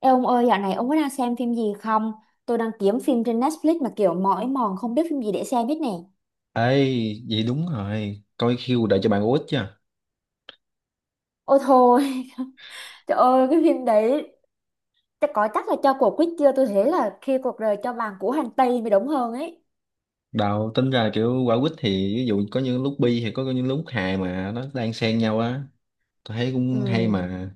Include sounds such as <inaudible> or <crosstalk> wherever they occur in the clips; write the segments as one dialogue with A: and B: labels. A: Ê ông ơi, dạo này ông có đang xem phim gì không? Tôi đang kiếm phim trên Netflix mà kiểu mỏi mòn không biết phim gì để xem hết nè.
B: Ê, vậy đúng rồi. Coi Q đợi cho bạn quýt chứ.
A: Ôi thôi, <laughs> trời ơi, cái phim đấy chắc là cho cuộc quýt chưa? Tôi thấy là khi cuộc đời cho vàng của hành tây mới đúng hơn ấy.
B: Đào tính ra là kiểu quả quýt thì ví dụ có những lúc bi thì có những lúc hài mà nó đang xen nhau á. Tôi thấy cũng hay
A: Ừ.
B: mà.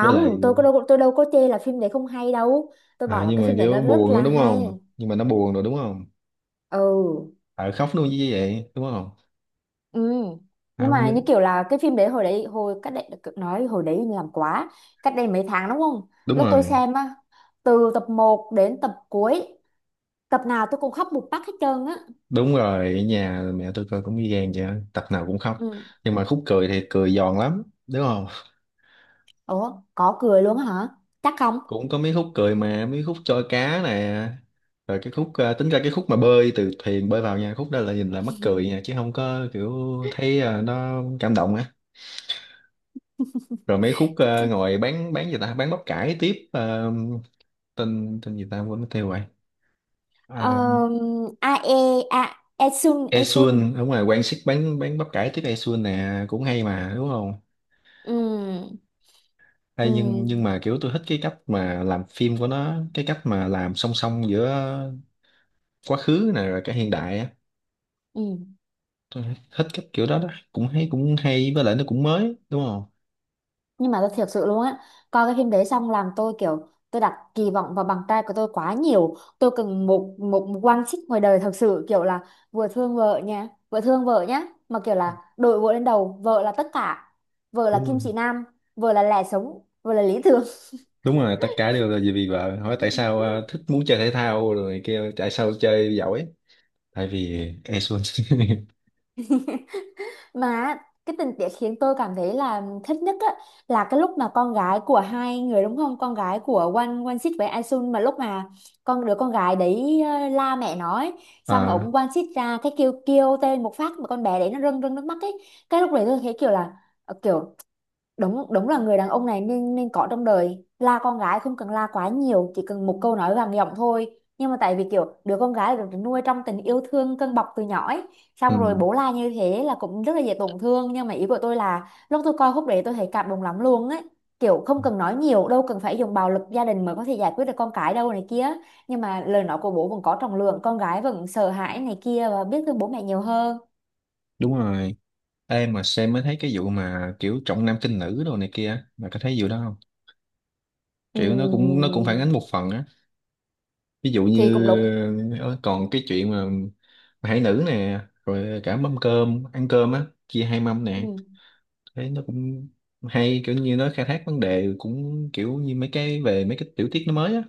B: Với lại
A: tôi đâu có chê là phim đấy không hay đâu. Tôi bảo là
B: nhưng
A: cái
B: mà
A: phim đấy nó
B: kiểu
A: rất
B: buồn đó,
A: là
B: đúng
A: hay.
B: không? Nhưng mà nó buồn rồi đúng không?
A: Ừ.
B: Ờ khóc luôn như vậy đúng không?
A: Ừ.
B: À,
A: Nhưng
B: không
A: mà
B: nhớ.
A: như kiểu là cái phim đấy hồi cách đây nói hồi đấy làm quá cách đây mấy tháng đúng không,
B: Đúng
A: lúc tôi
B: rồi.
A: xem á, từ tập 1 đến tập cuối, tập nào tôi cũng khóc một phát hết trơn á.
B: Đúng rồi, ở nhà mẹ tôi coi cũng ghi gan vậy, á, tập nào cũng khóc.
A: Ừ.
B: Nhưng mà khúc cười thì cười giòn lắm, đúng không?
A: Ủa có cười luôn hả, chắc không?
B: Cũng có mấy khúc cười mà mấy khúc trôi cá nè rồi cái khúc tính ra cái khúc mà bơi từ thuyền bơi vào nha, khúc đó là nhìn là mắc cười nha, chứ không có kiểu thấy nó cảm động á. Rồi mấy khúc ngồi bán gì ta, bán bắp cải tiếp tên tên gì ta quên mất tiêu rồi. À,
A: A e, a e sun e.
B: Esun ở ngoài Quang Sik bán bắp cải tiếp Esun nè, cũng hay mà đúng không?
A: Ừ.
B: Hay, nhưng
A: Ừ.
B: nhưng mà kiểu tôi thích cái cách mà làm phim của nó, cái cách mà làm song song giữa quá khứ nè rồi cả hiện đại á.
A: Ừ.
B: Tôi thích cái kiểu đó đó, cũng hay cũng hay, với lại nó cũng mới đúng không?
A: Nhưng mà tôi thiệt sự luôn á, coi cái phim đấy xong làm tôi kiểu tôi đặt kỳ vọng vào bằng trai của tôi quá nhiều, tôi cần một một, một quan xích ngoài đời thật sự, kiểu là vừa thương vợ nha, vừa thương vợ nhá, mà kiểu là đội vợ lên đầu, vợ là tất cả, vợ là
B: Đúng
A: kim
B: không?
A: chỉ nam, vợ là lẽ sống, vợ là lý tưởng.
B: Đúng rồi, tất cả đều là vì vì vợ. Hỏi tại sao thích muốn chơi thể thao rồi kêu tại sao chơi giỏi, tại vì e. <laughs>
A: Mà cái tình tiết khiến tôi cảm thấy là thích nhất á, là cái lúc mà con gái của hai người, đúng không? Con gái của Wan Wan Sít với Aisun, mà lúc mà đứa con gái đấy la mẹ nó ấy, xong
B: À,
A: ổng Wan Sít ra cái kêu kêu tên một phát mà con bé đấy nó rưng rưng nước mắt ấy. Cái lúc đấy tôi thấy kiểu là kiểu đúng đúng là người đàn ông này nên nên có trong đời, la con gái không cần la quá nhiều, chỉ cần một câu nói vàng giọng thôi, nhưng mà tại vì kiểu đứa con gái được nuôi trong tình yêu thương cân bọc từ nhỏ ấy, xong rồi
B: ừ,
A: bố la như thế là cũng rất là dễ tổn thương. Nhưng mà ý của tôi là lúc tôi coi khúc đấy tôi thấy cảm động lắm luôn ấy, kiểu không cần nói nhiều, đâu cần phải dùng bạo lực gia đình mới có thể giải quyết được con cái đâu này kia, nhưng mà lời nói của bố vẫn có trọng lượng, con gái vẫn sợ hãi này kia và biết thương bố mẹ nhiều hơn.
B: đúng rồi. Ê, mà xem mới thấy cái vụ mà kiểu trọng nam khinh nữ đồ này kia, mà có thấy vụ đó không? Kiểu nó cũng phản
A: Ừm,
B: ánh một phần á. Ví dụ
A: thì cũng
B: như
A: đúng.
B: còn cái chuyện mà hải nữ nè, rồi cả mâm cơm ăn cơm á chia hai mâm nè,
A: Ừ.
B: thế nó cũng hay, kiểu như nó khai thác vấn đề cũng kiểu như mấy cái về mấy cái tiểu tiết nó mới á,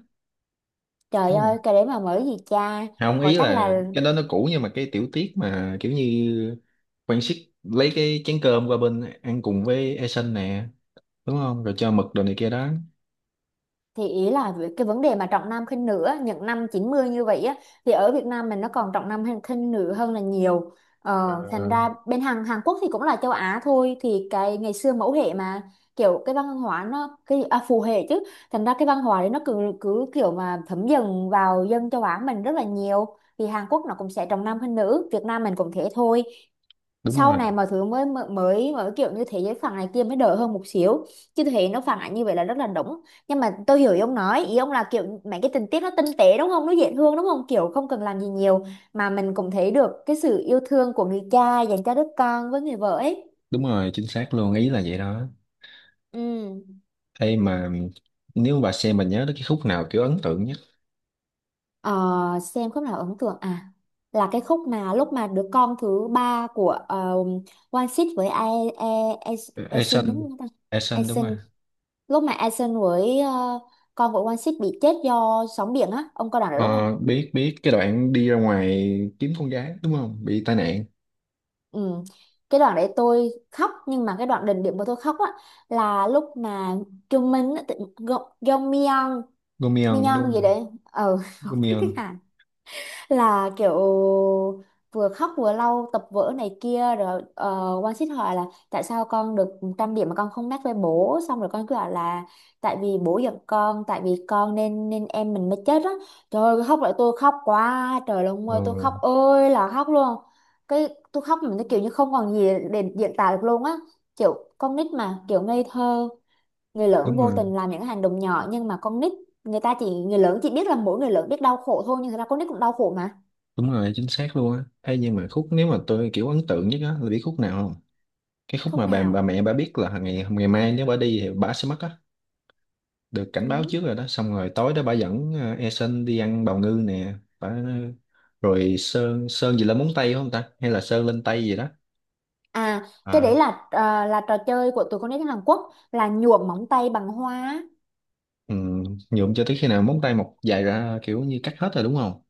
A: Trời
B: đúng không?
A: ơi, cái đấy mà mới gì cha.
B: Không,
A: Có
B: ý
A: chắc
B: là
A: là
B: cái đó nó cũ nhưng mà cái tiểu tiết mà kiểu như quan siết lấy cái chén cơm qua bên ăn cùng với Eason nè, đúng không, rồi cho mực đồ này kia đó.
A: thì ý là về cái vấn đề mà trọng nam khinh nữ á, những năm 90 như vậy á, thì ở Việt Nam mình nó còn trọng nam hay khinh nữ hơn là nhiều.
B: Ờ,
A: Ờ, thành ra bên Hàn Hàn Quốc thì cũng là châu Á thôi, thì cái ngày xưa mẫu hệ mà, kiểu cái văn hóa nó cái phù hệ chứ. Thành ra cái văn hóa đấy nó cứ cứ kiểu mà thấm dần vào dân châu Á mình rất là nhiều. Thì Hàn Quốc nó cũng sẽ trọng nam khinh nữ, Việt Nam mình cũng thế thôi.
B: đúng
A: Sau này
B: rồi,
A: mọi thứ mới mới mới mới kiểu như thế giới phẳng này kia mới đỡ hơn một xíu, chứ thế nó phản ánh như vậy là rất là đúng. Nhưng mà tôi hiểu ý ông nói, ý ông là kiểu mấy cái tình tiết nó tinh tế đúng không, nó dễ thương đúng không, kiểu không cần làm gì nhiều mà mình cũng thấy được cái sự yêu thương của người cha dành cho đứa con với người vợ ấy.
B: đúng rồi, chính xác luôn, ý là vậy đó.
A: Ừ.
B: Ê mà nếu bà xem, bà nhớ đến cái khúc nào kiểu ấn tượng nhất?
A: Ờ, xem khúc nào ấn tượng à, là cái khúc mà lúc mà đứa con thứ ba của uh, One Six với Ae Ae Ae Ae Sun, đúng
B: Eason,
A: không ta?
B: Eason đúng rồi.
A: Lúc mà Asen với con của One Six bị chết do sóng biển á, ông coi đoạn đấy đúng không?
B: Ờ, biết biết cái đoạn đi ra ngoài kiếm con gái đúng không, bị tai nạn.
A: Ừ. Cái đoạn đấy tôi khóc, nhưng mà cái đoạn đỉnh điểm mà tôi khóc á là lúc mà Trung Minh á, Go Go Myeon
B: Gomion đúng
A: Myeon gì
B: không?
A: đấy, <laughs> không biết tiếng
B: Gomion.
A: Hàn, là kiểu vừa khóc vừa lau tập vở này kia, rồi One Sit hỏi là tại sao con được 100 điểm mà con không mét với bố, xong rồi con cứ bảo là tại vì bố giận con, tại vì con nên nên em mình mới chết á. Trời ơi, khóc lại tôi khóc quá trời luôn,
B: Ờ,
A: ơi tôi khóc ơi là khóc luôn. Cái tôi khóc mình cái kiểu như không còn gì để diễn tả được luôn á, kiểu con nít mà kiểu ngây thơ, người lớn
B: đúng
A: vô
B: rồi,
A: tình làm những cái hành động nhỏ, nhưng mà con nít, người lớn chỉ biết là mỗi người lớn biết đau khổ thôi, nhưng thật ra con nít cũng đau khổ mà.
B: đúng rồi, chính xác luôn á. Hay, nhưng mà khúc nếu mà tôi kiểu ấn tượng nhất á, là biết khúc nào không? Cái khúc
A: Khúc
B: mà bà
A: nào?
B: mẹ bà biết là ngày ngày mai nếu bà đi thì bà sẽ mất á, được cảnh báo
A: Ừ.
B: trước rồi đó, xong rồi tối đó bà dẫn Eason đi ăn bào ngư nè. Bà rồi sơn sơn gì lên móng tay không ta, hay là sơn lên tay gì đó.
A: À cái
B: À,
A: đấy là là trò chơi của tụi con nít Hàn Quốc, là nhuộm móng tay bằng hoa.
B: ừ, nhuộm cho tới khi nào móng tay mọc dài ra kiểu như cắt hết rồi đúng không?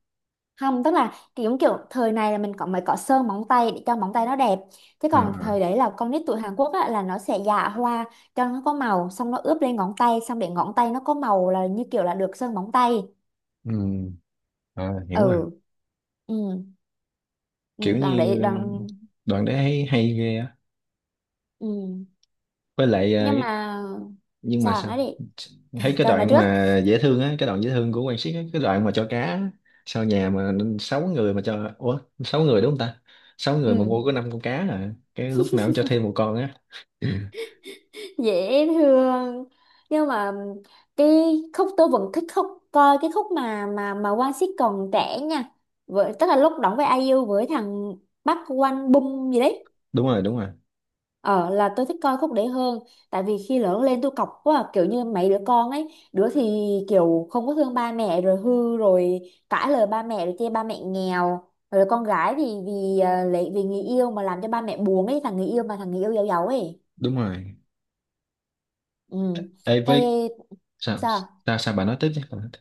A: Không, tức là kiểu kiểu thời này là mình có mới có sơn móng tay để cho móng tay nó đẹp, thế
B: À,
A: còn
B: à,
A: thời đấy là con nít tụi Hàn Quốc á, là nó sẽ dạ hoa cho nó có màu, xong nó ướp lên ngón tay, xong để ngón tay nó có màu là như kiểu là được sơn móng tay.
B: ừ, à hiểu rồi.
A: Ừ. Ừ, ừ.
B: Kiểu
A: Đoàn
B: như
A: đấy đoàn.
B: đoạn đấy hay, hay ghê á.
A: Ừ.
B: Với lại
A: Nhưng
B: cái,
A: mà
B: nhưng mà
A: sao,
B: sao?
A: nói đi.
B: Thấy cái
A: Cho nó
B: đoạn
A: trước.
B: mà dễ thương á, cái đoạn dễ thương của Quang Siết á, cái đoạn mà cho cá á, sau nhà mà sáu người mà cho, ủa sáu người đúng không ta, sáu người mà mua
A: Ừ,
B: có năm con cá à, cái lúc nào cũng cho thêm một con á. <clears throat> Ừ.
A: dễ thương. Nhưng mà cái khúc tôi vẫn thích khúc, coi cái khúc mà Quang Sít còn trẻ nha, với tức là lúc đóng với ai IU với thằng bắc Quang Bum gì đấy,
B: Đúng rồi, đúng rồi,
A: ờ là tôi thích coi khúc đấy hơn, tại vì khi lớn lên tôi cọc quá à, kiểu như mấy đứa con ấy, đứa thì kiểu không có thương ba mẹ rồi hư rồi, cãi lời ba mẹ, rồi chê ba mẹ nghèo, rồi con gái thì vì lấy vì người yêu mà làm cho ba mẹ buồn ấy, thằng người yêu mà thằng người yêu giàu giàu ấy.
B: đúng rồi.
A: Ừ.
B: Ê,
A: Cái
B: với, sao,
A: sao?
B: Sao bà nói tiếp chứ. Bà nói tiếp.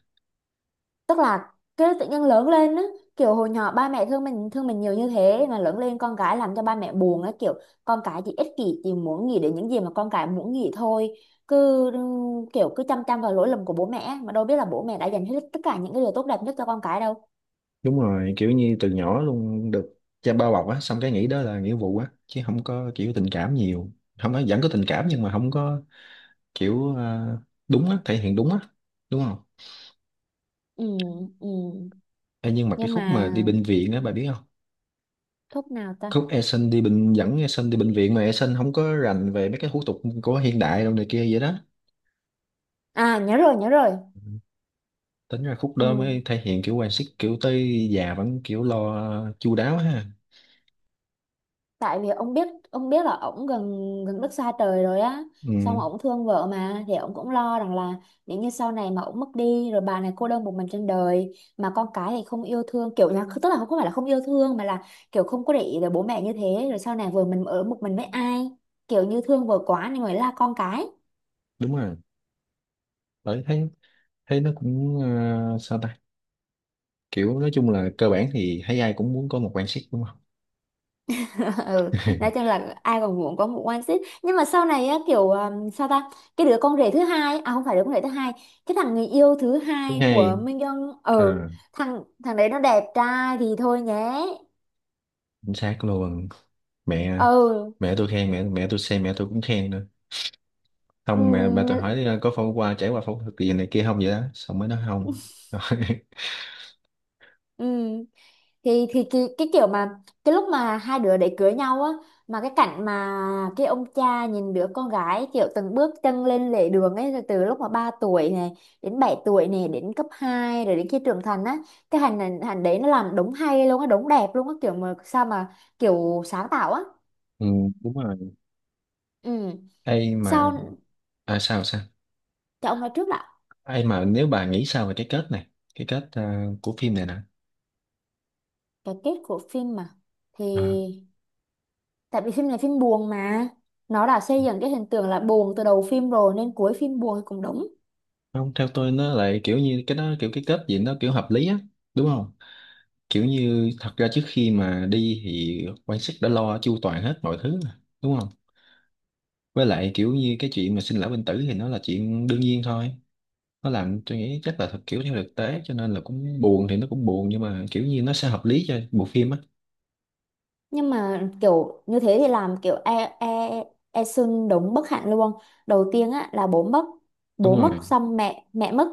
A: Tức là cái tự nhiên lớn lên á, kiểu hồi nhỏ ba mẹ thương mình, thương mình nhiều như thế, mà lớn lên con cái làm cho ba mẹ buồn á, kiểu con cái chỉ ích kỷ chỉ muốn nghĩ đến những gì mà con cái muốn nghĩ thôi, cứ kiểu cứ chăm chăm vào lỗi lầm của bố mẹ á, mà đâu biết là bố mẹ đã dành hết tất cả những cái điều tốt đẹp nhất cho con cái đâu.
B: Đúng rồi, kiểu như từ nhỏ luôn được cha bao bọc á, xong cái nghĩ đó là nghĩa vụ á, chứ không có kiểu tình cảm nhiều. Không, nói vẫn có tình cảm nhưng mà không có kiểu đúng á, thể hiện đúng á, đúng không?
A: Ừ. Ừ.
B: Ê, nhưng mà cái
A: Nhưng
B: khúc
A: mà
B: mà đi bệnh viện á, bà biết không?
A: thuốc nào ta?
B: Khúc Eason đi bệnh, dẫn Eason đi bệnh viện mà Eason không có rành về mấy cái hủ tục của hiện đại đâu này kia vậy đó.
A: À nhớ rồi, nhớ rồi.
B: Ừ. Tính ra khúc
A: Ừ.
B: đó mới thể hiện kiểu quan sức kiểu tới già vẫn kiểu lo chu đáo ha.
A: Tại vì ông biết, ông biết là ổng gần, gần đất xa trời rồi á, xong
B: Ừ,
A: ổng thương vợ mà, thì ổng cũng lo rằng là nếu như sau này mà ổng mất đi rồi, bà này cô đơn một mình trên đời, mà con cái thì không yêu thương, kiểu là tức là không phải là không yêu thương mà là kiểu không có để ý tới bố mẹ như thế, rồi sau này vừa mình ở một mình với ai, kiểu như thương vợ quá nên mới la con cái.
B: đúng rồi. Bởi thấy, thấy nó cũng sao ta, kiểu nói chung là cơ bản thì thấy ai cũng muốn có một quan sức đúng không.
A: <laughs> Ừ. Nói chung
B: <laughs>
A: là ai còn muốn có một one seat, nhưng mà sau này á, kiểu sao ta, cái đứa con rể thứ hai, à không phải đứa con rể thứ hai, cái thằng người yêu thứ
B: Thứ
A: hai của
B: hai,
A: Minh Young, ừ.
B: à,
A: Thằng thằng đấy nó đẹp trai thì thôi nhé.
B: chính xác luôn. mẹ
A: Ừ.
B: mẹ tôi khen, mẹ mẹ tôi xem mẹ tôi cũng khen nữa. Không, mẹ ba tôi
A: Ừ.
B: hỏi có phẫu, qua trải qua phẫu thuật gì này kia không vậy đó, xong mới nói không. <laughs>
A: Ừ. Thì cái kiểu mà cái lúc mà hai đứa để cưới nhau á, mà cái cảnh mà cái ông cha nhìn đứa con gái kiểu từng bước chân lên lề đường ấy, rồi từ lúc mà 3 tuổi này, đến 7 tuổi này, đến cấp hai, rồi đến khi trưởng thành á, cái hành hành hành đấy nó làm đúng hay luôn á, đúng đẹp luôn á, kiểu mà sao mà kiểu sáng tạo á.
B: Ừ, đúng rồi.
A: Ừ.
B: <laughs> Ai mà,
A: Sao?
B: sao sao?
A: Cho ông nói trước đã.
B: Ai mà, nếu bà nghĩ sao về cái kết này, cái kết của phim này nè.
A: Cái kết của phim mà, thì
B: Ờ,
A: tại vì phim này phim buồn mà, nó đã xây dựng cái hình tượng là buồn từ đầu phim rồi nên cuối phim buồn thì cũng đúng.
B: không, theo tôi nó lại kiểu như cái đó kiểu cái kết gì nó kiểu hợp lý á, đúng không? Kiểu như thật ra trước khi mà đi thì quan sát đã lo chu toàn hết mọi thứ mà, đúng không? Với lại kiểu như cái chuyện mà sinh lão bệnh tử thì nó là chuyện đương nhiên thôi. Nó làm tôi nghĩ chắc là thật, kiểu theo thực tế, cho nên là cũng buồn thì nó cũng buồn nhưng mà kiểu như nó sẽ hợp lý cho bộ phim á.
A: Nhưng mà kiểu như thế thì làm kiểu e e e xưng đúng bất hạnh luôn. Đầu tiên á là
B: Đúng
A: bố
B: rồi.
A: mất xong mẹ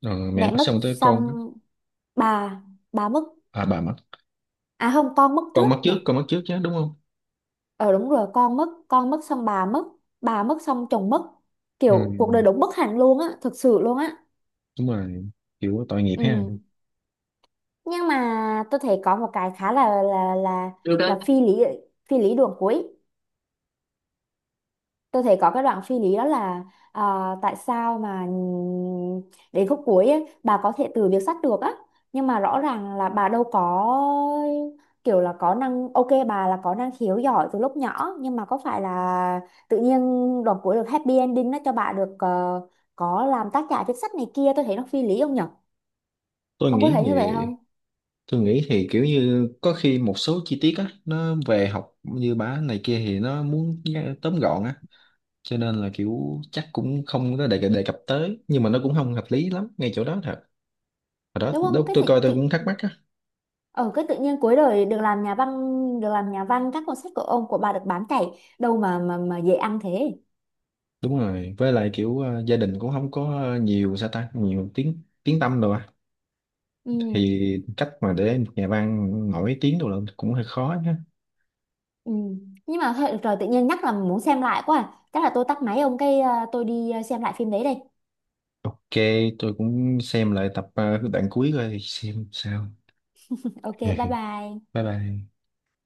B: Ờ, mẹ
A: mẹ
B: mất
A: mất
B: xong tới con á.
A: xong bà bà mất.
B: À bà mất.
A: À không, con mất
B: Con
A: trước
B: mất
A: nhỉ.
B: trước, con mất trước chứ đúng không?
A: Ờ đúng rồi, con mất xong bà mất xong chồng mất.
B: Ừ,
A: Kiểu cuộc đời đúng bất hạnh luôn á, thực sự luôn á.
B: đúng rồi, kiểu tội nghiệp ha.
A: Ừ. Nhưng mà tôi thấy có một cái khá là là là
B: Được
A: là
B: đó.
A: phi lý, phi lý đường cuối. Tôi thấy có cái đoạn phi lý đó là à, tại sao mà đến khúc cuối ấy, bà có thể từ việc sắt được á, nhưng mà rõ ràng là bà đâu có, kiểu là có năng ok, bà là có năng khiếu giỏi từ lúc nhỏ, nhưng mà có phải là tự nhiên đoạn cuối được happy ending nó cho bà được có làm tác giả viết sách này kia, tôi thấy nó phi lý không nhở?
B: tôi
A: Ông có
B: nghĩ
A: thấy
B: thì
A: như vậy không?
B: tôi nghĩ thì kiểu như có khi một số chi tiết á nó về học như bả này kia thì nó muốn nghe- tóm gọn á, cho nên là kiểu chắc cũng không có đề, đề cập tới, nhưng mà nó cũng không hợp lý lắm ngay chỗ đó thật. Hồi đó
A: Đúng không,
B: lúc
A: cái
B: tôi
A: tự
B: coi tôi cũng thắc
A: tự
B: mắc á.
A: ở cái tự nhiên cuối đời được làm nhà văn, được làm nhà văn, các cuốn sách của ông của bà được bán chạy đâu mà dễ ăn thế.
B: Đúng rồi, với lại kiểu gia đình cũng không có nhiều, sao ta, nhiều tiếng tiếng tăm đâu á,
A: Ừ,
B: thì cách mà để một nhà văn nổi tiếng đâu là cũng hơi khó nhá.
A: ừ. Nhưng mà thôi, được rồi, tự nhiên nhắc là muốn xem lại quá à. Chắc là tôi tắt máy ông cái à, tôi đi à, xem lại phim đấy đây.
B: Ok, tôi cũng xem lại tập đoạn cuối coi xem sao.
A: <laughs> Ok, bye
B: <laughs>
A: bye.
B: Bye bye.